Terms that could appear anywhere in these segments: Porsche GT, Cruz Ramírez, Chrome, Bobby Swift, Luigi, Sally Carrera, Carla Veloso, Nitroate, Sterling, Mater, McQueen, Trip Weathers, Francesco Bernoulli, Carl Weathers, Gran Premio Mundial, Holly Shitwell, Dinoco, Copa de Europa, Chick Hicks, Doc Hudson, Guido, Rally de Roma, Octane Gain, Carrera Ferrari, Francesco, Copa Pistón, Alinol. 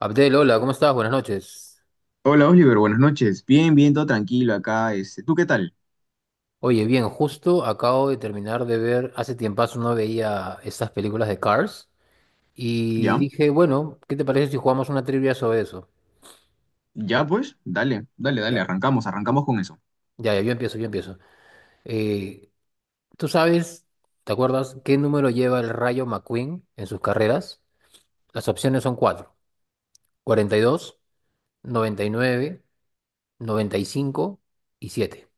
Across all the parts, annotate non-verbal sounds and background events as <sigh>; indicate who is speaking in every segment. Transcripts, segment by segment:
Speaker 1: Abdel, hola, ¿cómo estás? Buenas noches.
Speaker 2: Hola Oliver, buenas noches. Bien, bien, todo tranquilo acá. ¿Tú qué tal?
Speaker 1: Oye, bien, justo acabo de terminar de ver, hace tiempazo no veía estas películas de Cars y
Speaker 2: ¿Ya?
Speaker 1: dije, bueno, ¿qué te parece si jugamos una trivia sobre eso?
Speaker 2: ¿Ya pues? Dale, dale, dale,
Speaker 1: Ya.
Speaker 2: arrancamos, arrancamos con eso.
Speaker 1: Ya, ya, yo empiezo, yo empiezo. Eh, ¿Tú sabes, te acuerdas, qué número lleva el Rayo McQueen en sus carreras? Las opciones son cuatro, 42, 99, noventa y cinco y siete.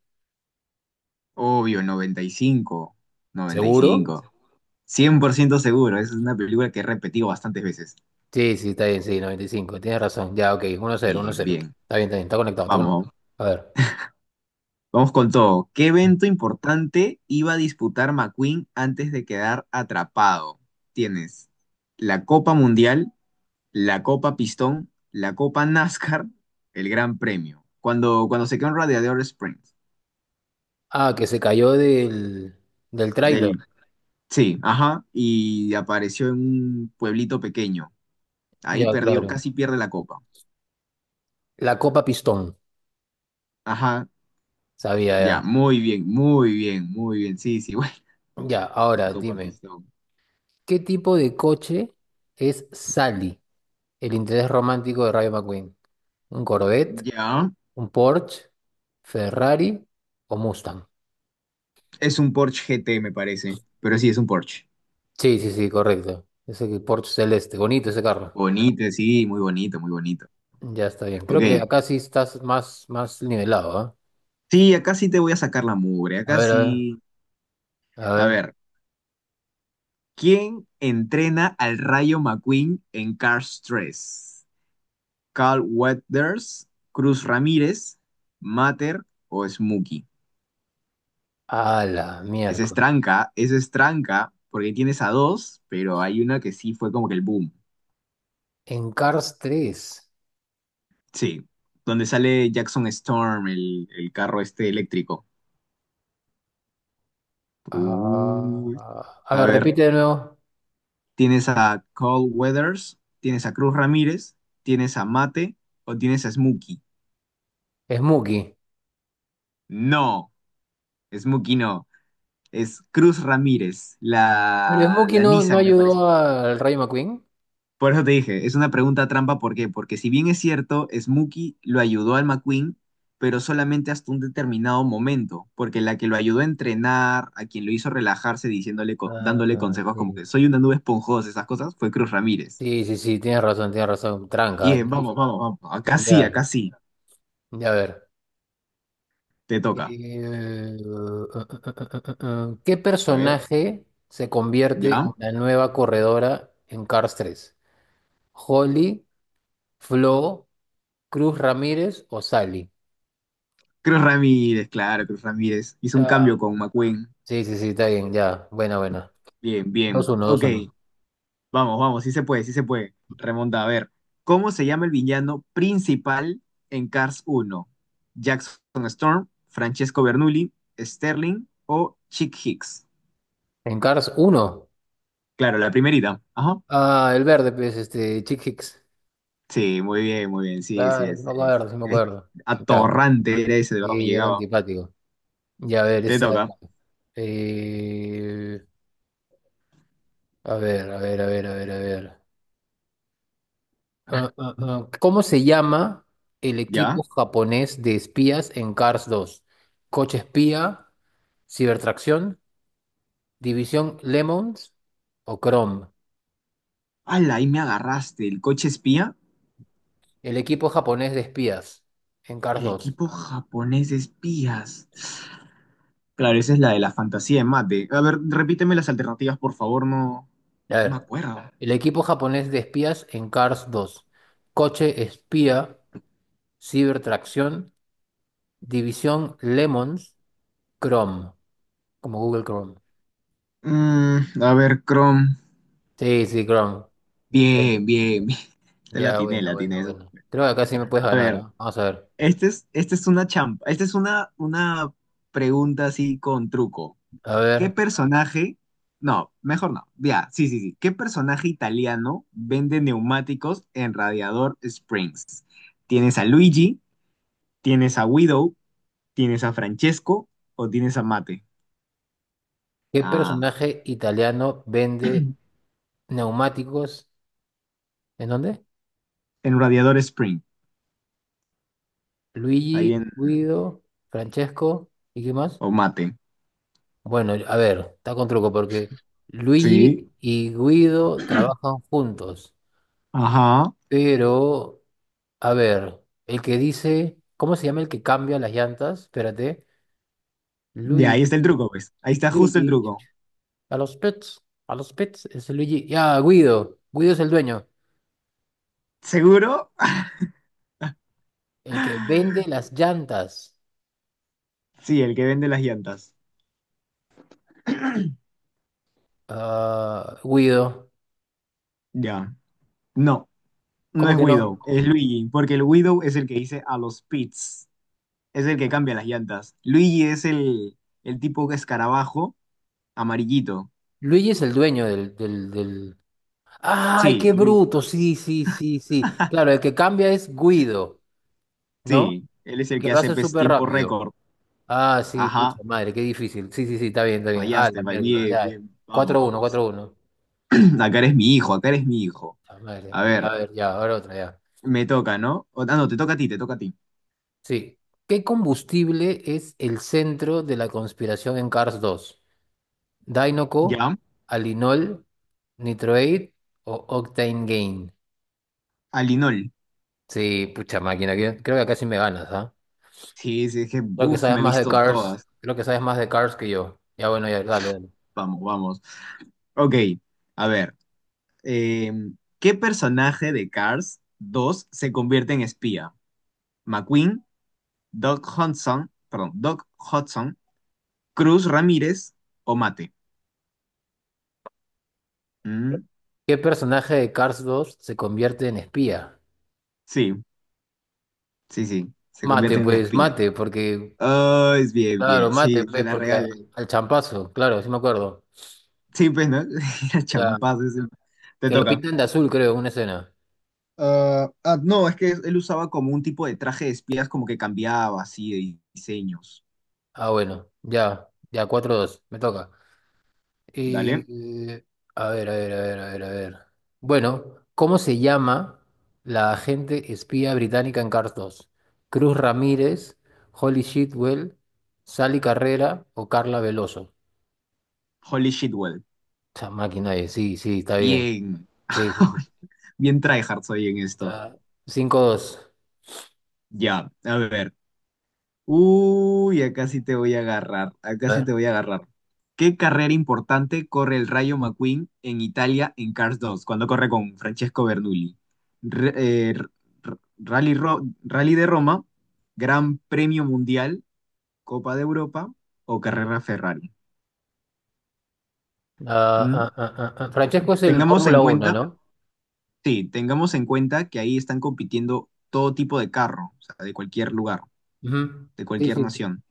Speaker 2: Obvio, noventa y cinco, noventa y
Speaker 1: ¿Seguro?
Speaker 2: cinco, 100% seguro, esa es una película que he repetido bastantes veces.
Speaker 1: Sí, sí, está bien, sí, 95. Tienes razón. Ya, ok, 1-0, uno
Speaker 2: Bien,
Speaker 1: cero.
Speaker 2: bien.
Speaker 1: Está bien, está bien, está conectado, está conectado.
Speaker 2: Vamos,
Speaker 1: A ver.
Speaker 2: vamos con todo. ¿Qué evento importante iba a disputar McQueen antes de quedar atrapado? Tienes la Copa Mundial, la Copa Pistón, la Copa NASCAR, el Gran Premio. Cuando se quedó en Radiador Springs.
Speaker 1: Ah, que se cayó del tráiler.
Speaker 2: Del, sí, ajá. Y apareció en un pueblito pequeño. Ahí
Speaker 1: Ya,
Speaker 2: perdió,
Speaker 1: claro.
Speaker 2: casi pierde la Copa.
Speaker 1: La Copa Pistón.
Speaker 2: Ajá.
Speaker 1: Sabía
Speaker 2: Ya,
Speaker 1: ya.
Speaker 2: muy bien, muy bien, muy bien. Sí, sí, <laughs> bueno,
Speaker 1: Ya,
Speaker 2: la
Speaker 1: ahora
Speaker 2: Copa
Speaker 1: dime,
Speaker 2: Pistón.
Speaker 1: ¿qué tipo de coche es Sally, el interés romántico de Rayo McQueen? ¿Un Corvette,
Speaker 2: Ya.
Speaker 1: un Porsche, Ferrari o Mustang?
Speaker 2: Es un Porsche GT, me parece. Pero sí, es un Porsche.
Speaker 1: Sí, sí, sí, correcto. Porsche celeste, bonito ese carro.
Speaker 2: Bonito, sí, muy bonito, muy bonito.
Speaker 1: Ya está bien. Creo que
Speaker 2: Ok.
Speaker 1: acá sí estás más nivelado, ¿ah?
Speaker 2: Sí, acá sí te voy a sacar la mugre.
Speaker 1: A
Speaker 2: Acá
Speaker 1: ver, a ver,
Speaker 2: sí.
Speaker 1: a
Speaker 2: A
Speaker 1: ver.
Speaker 2: ver. ¿Quién entrena al Rayo McQueen en Cars 3? ¿Carl Weathers, Cruz Ramírez, Mater o Smokey?
Speaker 1: A la miércoles.
Speaker 2: Esa es tranca, porque tienes a dos, pero hay una que sí fue como que el boom.
Speaker 1: En Cars tres.
Speaker 2: Sí, donde sale Jackson Storm, el carro este eléctrico. Uy.
Speaker 1: Ah, a
Speaker 2: A
Speaker 1: ver,
Speaker 2: ver,
Speaker 1: repite de nuevo.
Speaker 2: tienes a Carl Weathers, tienes a Cruz Ramírez, tienes a Mate o tienes a Smokey.
Speaker 1: Smokey.
Speaker 2: No, Smokey no. Es Cruz Ramírez,
Speaker 1: Pero
Speaker 2: la,
Speaker 1: Smokey
Speaker 2: la
Speaker 1: no, no
Speaker 2: Nissan, me parece.
Speaker 1: ayudó al Rayo McQueen.
Speaker 2: Por eso te dije, es una pregunta trampa, ¿por qué? Porque si bien es cierto, Smokey lo ayudó al McQueen, pero solamente hasta un determinado momento, porque la que lo ayudó a entrenar, a quien lo hizo relajarse diciéndole, dándole
Speaker 1: Ah,
Speaker 2: consejos como
Speaker 1: sí.
Speaker 2: que soy una nube esponjosa, esas cosas, fue Cruz Ramírez.
Speaker 1: Sí, sí, sí, tienes razón, tienes razón. Tranca,
Speaker 2: Bien, vamos,
Speaker 1: difícil.
Speaker 2: vamos, vamos.
Speaker 1: Ya,
Speaker 2: Acá sí,
Speaker 1: ya a ver.
Speaker 2: te toca.
Speaker 1: Eh, <laughs> ¿qué
Speaker 2: A ver.
Speaker 1: personaje se convierte
Speaker 2: ¿Ya?
Speaker 1: en la nueva corredora en Cars 3? ¿Holly? Flo, Cruz Ramírez o Sally.
Speaker 2: Cruz Ramírez, claro, Cruz Ramírez. Hizo un
Speaker 1: Ah,
Speaker 2: cambio con McQueen.
Speaker 1: sí, sí, sí, está bien, ya. Buena, buena.
Speaker 2: Bien,
Speaker 1: dos
Speaker 2: bien.
Speaker 1: uno dos
Speaker 2: Ok.
Speaker 1: uno
Speaker 2: Vamos, vamos, sí se puede, sí se puede. Remonta, a ver. ¿Cómo se llama el villano principal en Cars 1? ¿Jackson Storm, Francesco Bernoulli, Sterling o Chick Hicks?
Speaker 1: En Cars 1.
Speaker 2: Claro, la primerita. Ajá.
Speaker 1: Ah, el verde, pues, este, Chick Hicks.
Speaker 2: Sí, muy bien, muy bien. Sí, sí,
Speaker 1: Claro, sí
Speaker 2: es,
Speaker 1: me
Speaker 2: es-
Speaker 1: acuerdo, sí me
Speaker 2: es
Speaker 1: acuerdo. Ya.
Speaker 2: atorrante era ese, de verdad me
Speaker 1: Sí, era
Speaker 2: llegaba.
Speaker 1: antipático. Ya, a ver,
Speaker 2: Te
Speaker 1: esta.
Speaker 2: toca.
Speaker 1: eh, a ver, a ver, a ver, a ver, a ver. ¿Cómo se llama el equipo
Speaker 2: ¿Ya?
Speaker 1: japonés de espías en Cars 2? ¿Coche espía? ¿Cibertracción? División Lemons o Chrome.
Speaker 2: ¡Hala! Ahí me agarraste. ¿El coche espía?
Speaker 1: El equipo japonés de espías en Cars
Speaker 2: El
Speaker 1: 2.
Speaker 2: equipo japonés de espías. Claro, esa es la de la fantasía de mate. A ver, repíteme las alternativas, por favor, no,
Speaker 1: A
Speaker 2: no me
Speaker 1: ver.
Speaker 2: acuerdo.
Speaker 1: El equipo japonés de espías en Cars 2. Coche espía, cibertracción, división Lemons, Chrome, como Google Chrome.
Speaker 2: A ver, Chrome.
Speaker 1: Sí, sí, Chrome. Sí.
Speaker 2: Bien, bien, bien. Te la
Speaker 1: Ya,
Speaker 2: atiné, la
Speaker 1: bueno,
Speaker 2: atiné.
Speaker 1: bueno,
Speaker 2: Eso.
Speaker 1: bueno.
Speaker 2: Sí.
Speaker 1: Creo que acá sí me puedes
Speaker 2: A
Speaker 1: ganar,
Speaker 2: ver,
Speaker 1: ¿ah? Vamos a ver.
Speaker 2: esta es una champa. Esta es una pregunta así con truco.
Speaker 1: A
Speaker 2: ¿Qué
Speaker 1: ver,
Speaker 2: personaje? No, mejor no. Ya, sí, sí, sí. ¿Qué personaje italiano vende neumáticos en Radiador Springs? ¿Tienes a Luigi? ¿Tienes a Widow? ¿Tienes a Francesco? ¿O tienes a Mate?
Speaker 1: ¿qué
Speaker 2: Ah,
Speaker 1: personaje italiano vende neumáticos? ¿En dónde?
Speaker 2: en Radiador Spring, ahí
Speaker 1: Luigi,
Speaker 2: en
Speaker 1: Guido, Francesco, ¿y qué más?
Speaker 2: Omate.
Speaker 1: Bueno, a ver, está con truco porque
Speaker 2: Sí,
Speaker 1: Luigi y Guido trabajan juntos,
Speaker 2: ajá.
Speaker 1: pero, a ver, el que dice, ¿cómo se llama el que cambia las llantas? Espérate,
Speaker 2: Ya, ahí está
Speaker 1: Luigi,
Speaker 2: el truco, pues. Ahí está justo el
Speaker 1: Luigi,
Speaker 2: truco.
Speaker 1: a los pets, a los pets, es Luigi, ya, Guido, Guido es el dueño,
Speaker 2: ¿Seguro?
Speaker 1: el que vende
Speaker 2: <laughs>
Speaker 1: las llantas.
Speaker 2: Sí, el que vende las llantas.
Speaker 1: Ah, Guido,
Speaker 2: Ya. No, no
Speaker 1: ¿cómo
Speaker 2: es
Speaker 1: que
Speaker 2: Widow,
Speaker 1: no?
Speaker 2: es Luigi, porque el Widow es el que dice a los pits, es el que cambia las llantas. Luigi es el tipo que escarabajo amarillito.
Speaker 1: Luigi es el dueño. Ay,
Speaker 2: Sí,
Speaker 1: qué
Speaker 2: Lu-
Speaker 1: bruto. Sí, sí, sí, sí. Claro, el que cambia es Guido, ¿no?
Speaker 2: sí, él es
Speaker 1: El
Speaker 2: el
Speaker 1: que
Speaker 2: que
Speaker 1: lo
Speaker 2: hace
Speaker 1: hace
Speaker 2: pues,
Speaker 1: súper
Speaker 2: tiempo
Speaker 1: rápido.
Speaker 2: récord.
Speaker 1: Ah, sí, pucha
Speaker 2: Ajá,
Speaker 1: madre, qué difícil. Sí, sí, sí, está bien, está bien. Ah, la
Speaker 2: fallaste, va
Speaker 1: miércoles,
Speaker 2: bien,
Speaker 1: ya.
Speaker 2: bien, vamos,
Speaker 1: 4-1,
Speaker 2: vamos.
Speaker 1: 4-1.
Speaker 2: <clears throat> Acá eres mi hijo, acá eres mi hijo.
Speaker 1: Puta madre.
Speaker 2: A
Speaker 1: Ya,
Speaker 2: ver.
Speaker 1: a ver, ya, ahora otra, ya.
Speaker 2: Me toca, ¿no? Ah, no, te toca a ti, te toca a ti.
Speaker 1: Sí. ¿Qué combustible es el centro de la conspiración en Cars 2? ¿Dinoco,
Speaker 2: ¿Ya?
Speaker 1: Alinol, Nitroate o Octane Gain?
Speaker 2: Alinol.
Speaker 1: Sí, pucha máquina, creo que acá sí me ganas, ¿ah?
Speaker 2: Sí, sí, es que,
Speaker 1: Creo que
Speaker 2: uff,
Speaker 1: sabes
Speaker 2: me he
Speaker 1: más de
Speaker 2: visto
Speaker 1: Cars,
Speaker 2: todas.
Speaker 1: creo que sabes más de Cars que yo. Ya bueno, ya, dale, dale.
Speaker 2: Vamos, vamos. Ok, a ver. eh, ¿Qué personaje de Cars 2 se convierte en espía? ¿McQueen, Doc Hudson, perdón, Doc Hudson, Cruz Ramírez o Mate? Mm,
Speaker 1: ¿Qué personaje de Cars 2 se convierte en espía?
Speaker 2: Sí, sí, sí, se
Speaker 1: Mate,
Speaker 2: convierte en
Speaker 1: pues,
Speaker 2: espía.
Speaker 1: mate, porque,
Speaker 2: Oh, es bien,
Speaker 1: claro,
Speaker 2: bien, sí,
Speaker 1: mate,
Speaker 2: te
Speaker 1: pues,
Speaker 2: la
Speaker 1: porque
Speaker 2: regales.
Speaker 1: al champazo, claro, sí me acuerdo.
Speaker 2: Sí, pues, ¿no? <laughs> Era
Speaker 1: Ya,
Speaker 2: champazo ese. Te
Speaker 1: que lo
Speaker 2: toca.
Speaker 1: pintan de azul, creo, en una escena.
Speaker 2: Ah, ah, no, es que él usaba como un tipo de traje de espías, como que cambiaba así de diseños.
Speaker 1: Ah, bueno, ya, ya, 4-2, me toca.
Speaker 2: Dale.
Speaker 1: Eh, a ver, a ver, a ver, a ver, a ver. Bueno, ¿cómo se llama la agente espía británica en Cars 2? ¿Cruz Ramírez, Holly Shitwell, Sally Carrera o Carla Veloso?
Speaker 2: Holy shitwell.
Speaker 1: Esa máquina es, sí, sí, está bien.
Speaker 2: Bien,
Speaker 1: Sí, sí, sí.
Speaker 2: <laughs> bien tryhard soy en esto.
Speaker 1: Ah, 5-2.
Speaker 2: Ya, a ver. Uy, acá sí te voy a agarrar. Acá
Speaker 1: A
Speaker 2: sí te
Speaker 1: ver.
Speaker 2: voy a agarrar. ¿Qué carrera importante corre el Rayo McQueen en Italia en Cars 2 cuando corre con Francesco Bernoulli? Re- eh, r- Rally de Roma, Gran Premio Mundial, Copa de Europa o Carrera Ferrari. ¿Mm?
Speaker 1: Ah. Francesco es el
Speaker 2: Tengamos en
Speaker 1: Fórmula 1,
Speaker 2: cuenta,
Speaker 1: ¿no?
Speaker 2: sí, tengamos en cuenta que ahí están compitiendo todo tipo de carro, o sea, de cualquier lugar,
Speaker 1: Ujú.
Speaker 2: de
Speaker 1: Sí,
Speaker 2: cualquier
Speaker 1: sí. Sí.
Speaker 2: nación.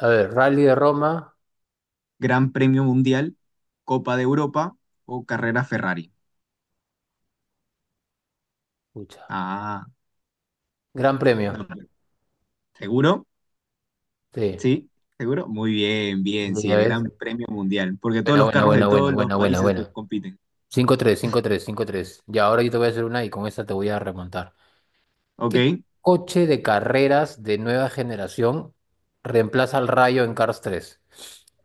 Speaker 1: A ver, Rally de Roma.
Speaker 2: Gran Premio Mundial, Copa de Europa o Carrera Ferrari.
Speaker 1: Pucha.
Speaker 2: Ah,
Speaker 1: Gran
Speaker 2: no,
Speaker 1: premio.
Speaker 2: ¿seguro?
Speaker 1: Sí.
Speaker 2: Sí, ¿seguro? Muy bien,
Speaker 1: Sí,
Speaker 2: bien, sí,
Speaker 1: ya
Speaker 2: el
Speaker 1: ves.
Speaker 2: Gran Premio Mundial, porque todos
Speaker 1: Buena,
Speaker 2: los
Speaker 1: buena,
Speaker 2: carros de
Speaker 1: buena, buena,
Speaker 2: todos los
Speaker 1: buena, buena,
Speaker 2: países pues,
Speaker 1: buena.
Speaker 2: compiten.
Speaker 1: 5-3, 5-3, 5-3. Y ahora yo te voy a hacer una y con esta te voy a remontar. ¿Qué
Speaker 2: Ok.
Speaker 1: coche de carreras de nueva generación reemplaza al Rayo en Cars 3?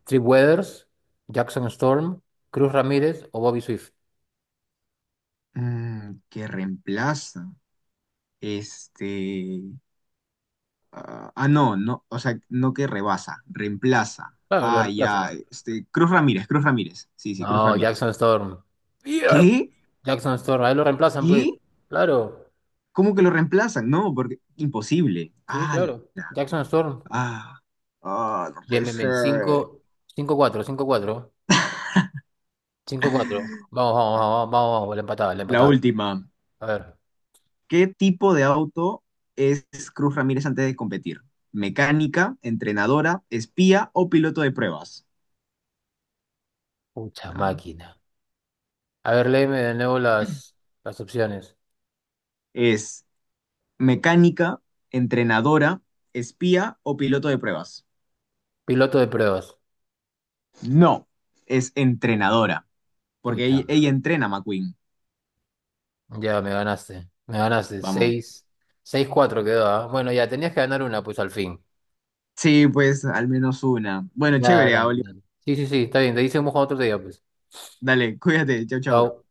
Speaker 1: ¿Trip Weathers, Jackson Storm, Cruz Ramírez o Bobby Swift?
Speaker 2: ¿Qué reemplaza? Este, Ah, ah, no, no, o sea, no que rebasa, reemplaza.
Speaker 1: Claro, lo
Speaker 2: Ah, ya,
Speaker 1: reemplazan.
Speaker 2: Cruz Ramírez, Cruz Ramírez. Sí, sí, Cruz
Speaker 1: No,
Speaker 2: Ramírez.
Speaker 1: Jackson Storm. Bien.
Speaker 2: ¿Qué?
Speaker 1: Jackson Storm, ahí lo reemplazan, pues.
Speaker 2: ¿Qué?
Speaker 1: Claro.
Speaker 2: ¿Cómo que lo reemplazan? No, porque imposible.
Speaker 1: Sí,
Speaker 2: Ah,
Speaker 1: claro.
Speaker 2: la-
Speaker 1: Jackson Storm.
Speaker 2: ah, ah, no
Speaker 1: Bien,
Speaker 2: puede
Speaker 1: bien, bien.
Speaker 2: ser.
Speaker 1: 5, 5-4, cinco cuatro, 5-4. Vamos, vamos, vamos, vamos, vamos, la empatada, la
Speaker 2: La
Speaker 1: empatada.
Speaker 2: última.
Speaker 1: A ver.
Speaker 2: ¿Qué tipo de auto es Cruz Ramírez antes de competir? ¿Mecánica, entrenadora, espía o piloto de pruebas?
Speaker 1: Pucha
Speaker 2: Ah,
Speaker 1: máquina. A ver, léeme de nuevo las opciones.
Speaker 2: es mecánica, entrenadora, espía o piloto de pruebas.
Speaker 1: Piloto de pruebas.
Speaker 2: No, es entrenadora, porque
Speaker 1: Pucha.
Speaker 2: ella entrena a McQueen.
Speaker 1: Ya me ganaste. Me ganaste.
Speaker 2: Vamos.
Speaker 1: Seis. 6-4 quedó, ¿ah? Bueno, ya tenías que ganar una, pues al fin.
Speaker 2: Sí, pues al menos una. Bueno,
Speaker 1: Ya, dale,
Speaker 2: chévere, Oliver.
Speaker 1: dale. Sí, sí, sí, está bien. Te dice un otro día, pues.
Speaker 2: Dale, cuídate. Chau, chau.
Speaker 1: Chao.